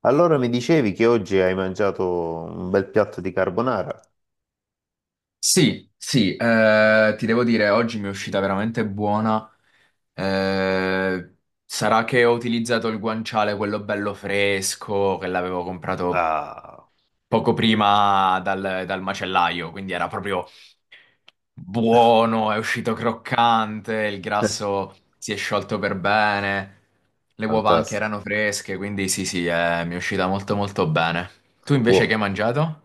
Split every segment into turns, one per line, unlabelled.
Allora mi dicevi che oggi hai mangiato un bel piatto di carbonara?
Sì, sì, ti devo dire, oggi mi è uscita veramente buona. Eh, Sarà che ho utilizzato il guanciale, quello bello fresco, che l'avevo comprato
Ah,
poco prima dal macellaio, quindi era proprio buono, è uscito croccante, il grasso si è sciolto per bene, le uova anche
fantastico.
erano fresche, quindi sì, sì, mi è uscita molto molto bene. Tu invece che hai
Buono.
mangiato?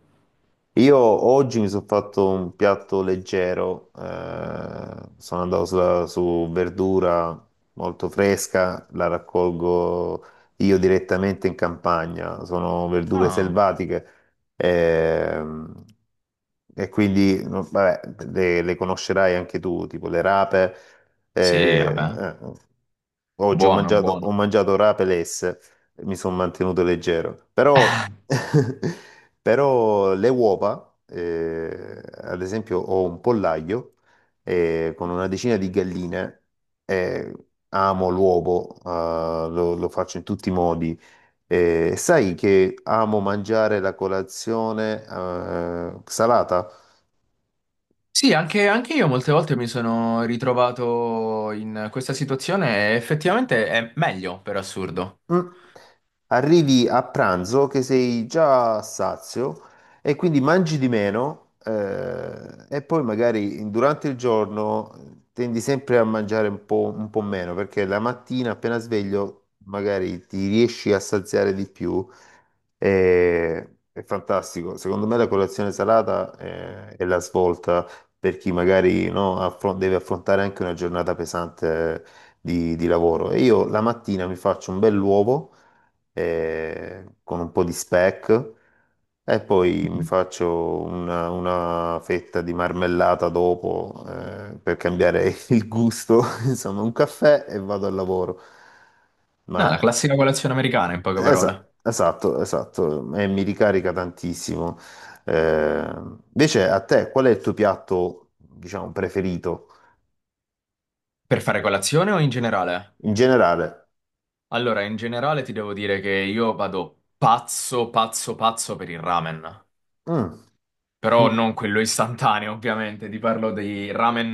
Io oggi mi sono fatto un piatto leggero, sono andato su verdura molto fresca, la raccolgo io direttamente in campagna, sono verdure
Ah,
selvatiche ehm, e quindi no, vabbè, le conoscerai anche tu, tipo le rape.
sì,
eh,
vabbè,
eh, Oggi
buono,
ho
buono.
mangiato rapelesse e mi sono mantenuto leggero. Però, però le uova, ad esempio, ho un pollaio con una decina di galline. eh, Amo l'uovo, lo faccio in tutti i modi. Sai che amo mangiare la colazione salata?
Sì, anche io molte volte mi sono ritrovato in questa situazione e effettivamente è meglio, per assurdo.
Mm. Arrivi a pranzo che sei già sazio e quindi mangi di meno, e poi magari durante il giorno, tendi sempre a mangiare un po' meno perché la mattina appena sveglio magari ti riesci a saziare di più. e- è fantastico. Secondo me la colazione salata è la svolta per chi magari no, deve affrontare anche una giornata pesante di lavoro. E io la mattina mi faccio un bell'uovo, con un po' di speck, e poi mi faccio una fetta di marmellata dopo, per cambiare il gusto, insomma, un caffè e vado al lavoro.
No,
Ma
la classica colazione americana, in poche parole.
esatto, esatto, e mi ricarica tantissimo. Eh, invece a te, qual è il tuo piatto, diciamo, preferito
Per fare colazione o in generale?
in generale?
Allora, in generale ti devo dire che io vado pazzo, pazzo, pazzo per il ramen.
Mm,
Però
mm,
non quello istantaneo, ovviamente. Ti parlo di ramen,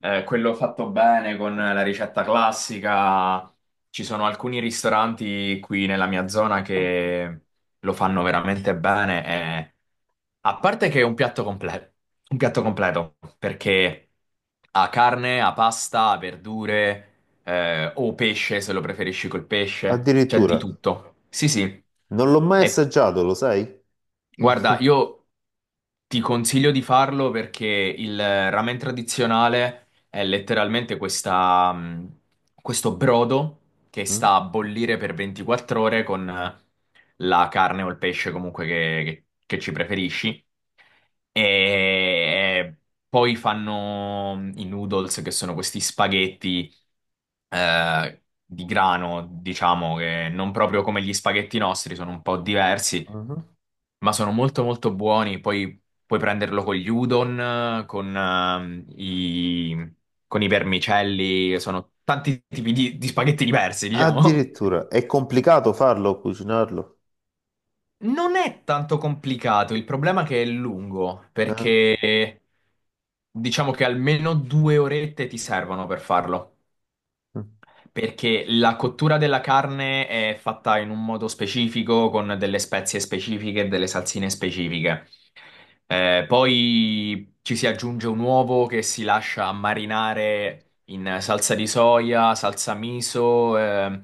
quello fatto bene con la ricetta classica. Ci sono alcuni ristoranti qui nella mia zona che lo fanno veramente bene. e- A parte che è un piatto completo, perché ha carne, ha pasta, ha verdure, o pesce, se lo preferisci col pesce, c'è di
addirittura.
tutto. Sì, sì.
Non l'ho mai
E
assaggiato, lo sai?
Guarda, io ti consiglio di farlo perché il ramen tradizionale è letteralmente questa, questo brodo che
Mm?
sta a bollire per 24 ore con la carne o il pesce comunque che ci preferisci e eh, poi fanno i noodles, che sono questi spaghetti di grano, diciamo che non proprio come gli spaghetti nostri, sono un po' diversi,
Mhm.
ma sono molto molto buoni. Poi puoi prenderlo con gli udon, eh, con, ehm, i, con i vermicelli, sono tanti tipi di spaghetti diversi, diciamo.
Addirittura, è complicato farlo, cucinarlo?
Non è tanto complicato, il problema è che è lungo,
Eh?
perché diciamo che almeno due orette ti servono per farlo,
Mm.
perché la cottura della carne è fatta in un modo specifico, con delle spezie specifiche e delle salsine specifiche. Poi ci si aggiunge un uovo che si lascia marinare in salsa di soia, salsa miso, eh,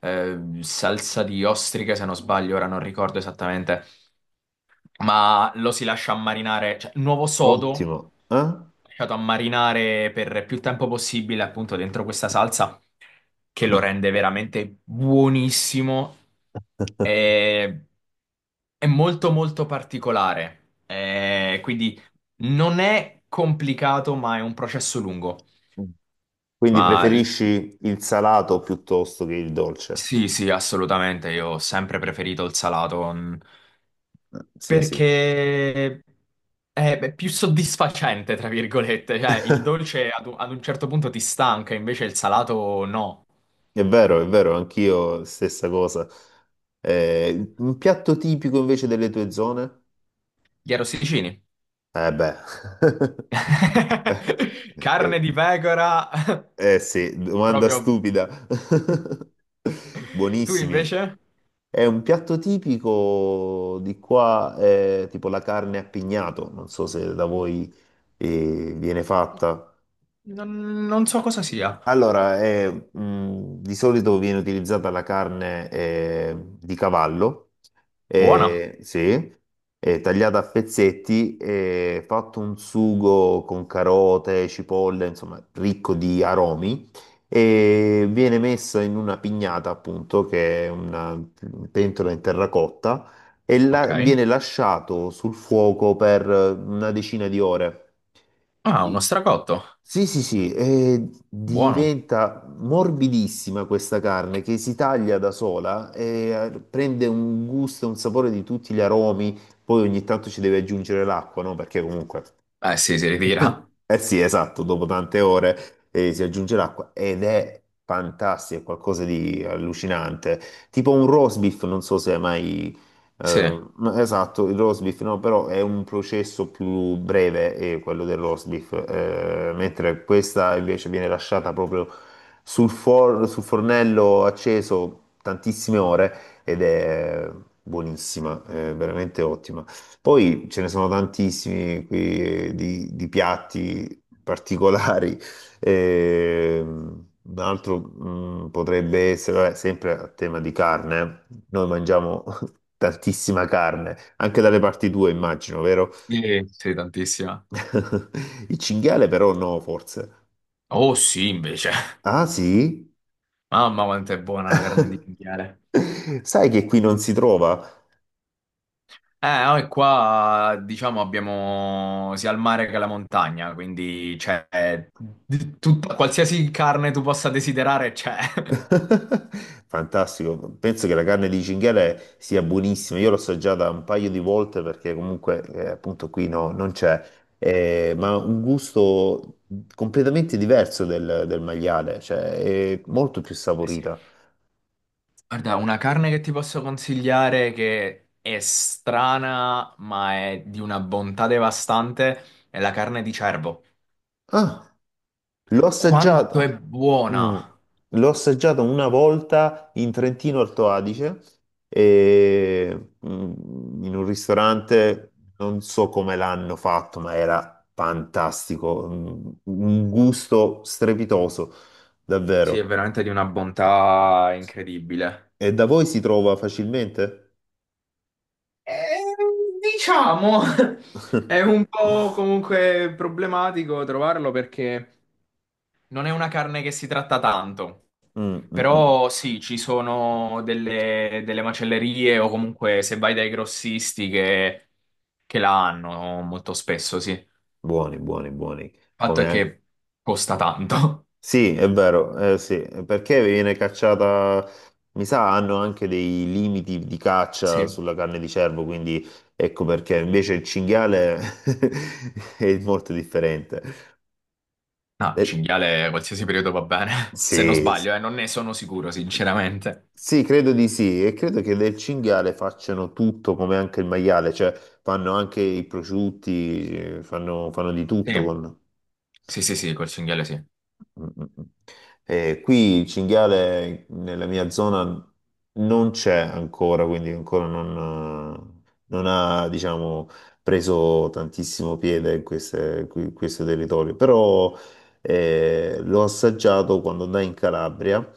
eh, salsa di ostriche, se non sbaglio, ora non ricordo esattamente ma lo si lascia ammarinare, cioè nuovo sodo
Ottimo. Eh?
lasciato ammarinare per più tempo possibile appunto dentro questa salsa che lo rende veramente buonissimo e è molto molto particolare. Quindi non è complicato ma è un processo lungo.
Mm. Quindi
Ma
preferisci il salato piuttosto che il dolce?
Sì, sì, assolutamente. Io ho sempre preferito il salato, mm,
Sì, sì.
perché è beh, più soddisfacente, tra virgolette. Cioè, il dolce ad ad un certo punto ti stanca, invece il salato no.
È vero, anch'io stessa cosa. Un piatto tipico invece delle tue zone?
Gli arrosticini.
Eh beh. Eh,
Carne
eh,
di pecora.
eh sì, domanda
Proprio.
stupida.
Tu
Buonissimi.
invece?
È un piatto tipico di qua, è tipo la carne a pignato, non so se da voi viene fatta.
Non so cosa sia.
Allora, è, di solito viene utilizzata la carne, di cavallo,
Buona.
sì, è tagliata a pezzetti, è fatto un sugo con carote, cipolle, insomma, ricco di aromi, e viene messa in una pignata, appunto, che è una pentola in terracotta, e
Ok.
viene lasciato sul fuoco per, una decina di ore.
Ah, uno
I-
stracotto.
Sì, sì, sì, e
Buono.
diventa morbidissima questa carne che si taglia da sola, e prende un gusto e un sapore di tutti gli aromi. Poi ogni tanto ci deve aggiungere l'acqua, no? Perché comunque
Eh sì, si ritira.
eh sì, esatto, dopo tante ore, si aggiunge l'acqua ed è fantastico, è qualcosa di allucinante. Tipo un roast beef, non so se hai mai...
Sì.
no, esatto, il roast beef, no, però è un processo più breve, quello del roast beef, mentre questa invece viene lasciata proprio sul fornello acceso tantissime ore, ed è buonissima, è veramente ottima. Poi ce ne sono tantissimi qui, di piatti particolari. Un altro mm, potrebbe essere, vabbè, sempre a tema di carne, eh. Noi mangiamo tantissima carne, anche dalle parti tue immagino, vero?
Sì, sì, tantissima.
Il cinghiale però no, forse.
Oh sì, invece.
Ah sì?
Mamma quanto è buona la carne di cinghiale.
Sai che qui non si trova?
Noi qua diciamo abbiamo sia il mare che la montagna, quindi c'è qualsiasi carne tu possa desiderare c'è.
Fantastico, penso che la carne di cinghiale sia buonissima, io l'ho assaggiata un paio di volte perché comunque, appunto qui no, non c'è. Ma un gusto completamente diverso del maiale, cioè è molto più
Eh sì.
saporita.
Guarda, una carne che ti posso consigliare che è strana, ma è di una bontà devastante, è la carne di cervo.
Ah. L'ho
Quanto è
assaggiata, mm,
buona!
l'ho assaggiata una volta in Trentino Alto Adige, e, mm, in un ristorante, non so come l'hanno fatto, ma era fantastico, mm, un gusto strepitoso,
Sì, è
davvero.
veramente di una bontà incredibile.
E da voi si trova facilmente?
Eh, diciamo, è un po' comunque problematico trovarlo perché non è una carne che si tratta tanto.
Mm, mm, mm.
Però sì, ci sono delle macellerie o comunque se vai dai grossisti che la hanno molto spesso, sì. Il
Buoni, buoni, buoni.
fatto è
Come,
che costa tanto.
sì, è vero, sì, perché viene cacciata, mi sa, hanno anche dei limiti di caccia
Sì.
sulla carne di cervo, quindi ecco perché invece il cinghiale è molto differente.
No,
Eh,
cinghiale qualsiasi periodo va bene, se non
sì,
sbaglio, non ne sono sicuro, sinceramente.
sì, credo di sì, e credo che del cinghiale facciano tutto come anche il maiale, cioè fanno anche i prosciutti, fanno di tutto
Sì,
con...
sì, sì, col cinghiale sì.
Mm, mm, mm. Qui il cinghiale nella mia zona non c'è ancora, quindi ancora non ha, diciamo, preso tantissimo piede in questo territorio, però l'ho assaggiato quando andai in Calabria,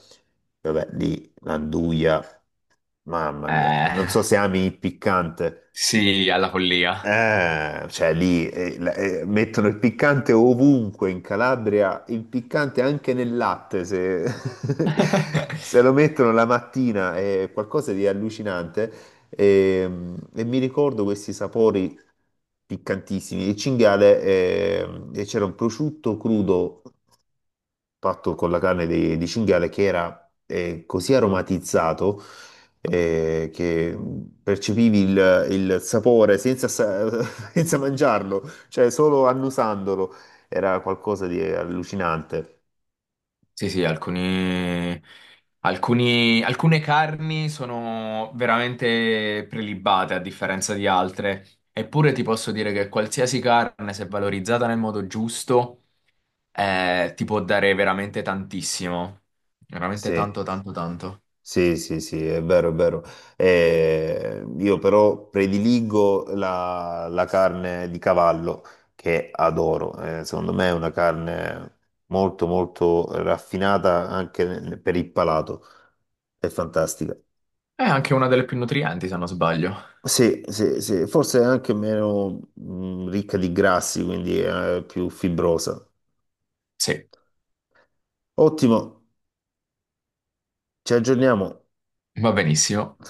vabbè, lì l'anduia, mamma mia, non so
Eh.
se ami il piccante.
Sì, alla follia.
Cioè lì mettono il piccante ovunque in Calabria, il piccante anche nel latte, se, se lo mettono la mattina è qualcosa di allucinante, e, e mi ricordo questi sapori piccantissimi. Il cinghiale, e c'era un prosciutto crudo fatto con la carne di cinghiale che era, così aromatizzato, che percepivi il sapore senza, senza mangiarlo, cioè solo annusandolo. Era qualcosa di allucinante.
Sì, sì, alcune carni sono veramente prelibate a differenza di altre. Eppure ti posso dire che qualsiasi carne, se valorizzata nel modo giusto, ti può dare veramente tantissimo. Veramente
Sì.
tanto, tanto, tanto.
Sì, sì, sì, è vero, è vero. Io però prediligo la carne di cavallo che adoro. Secondo me è una carne molto, molto raffinata anche per il palato. È fantastica.
È anche una delle più nutrienti, se non sbaglio.
Sì, sì, sì, forse è anche meno ricca di grassi, quindi è più fibrosa.
Sì,
Ottimo, ci aggiorniamo.
va benissimo.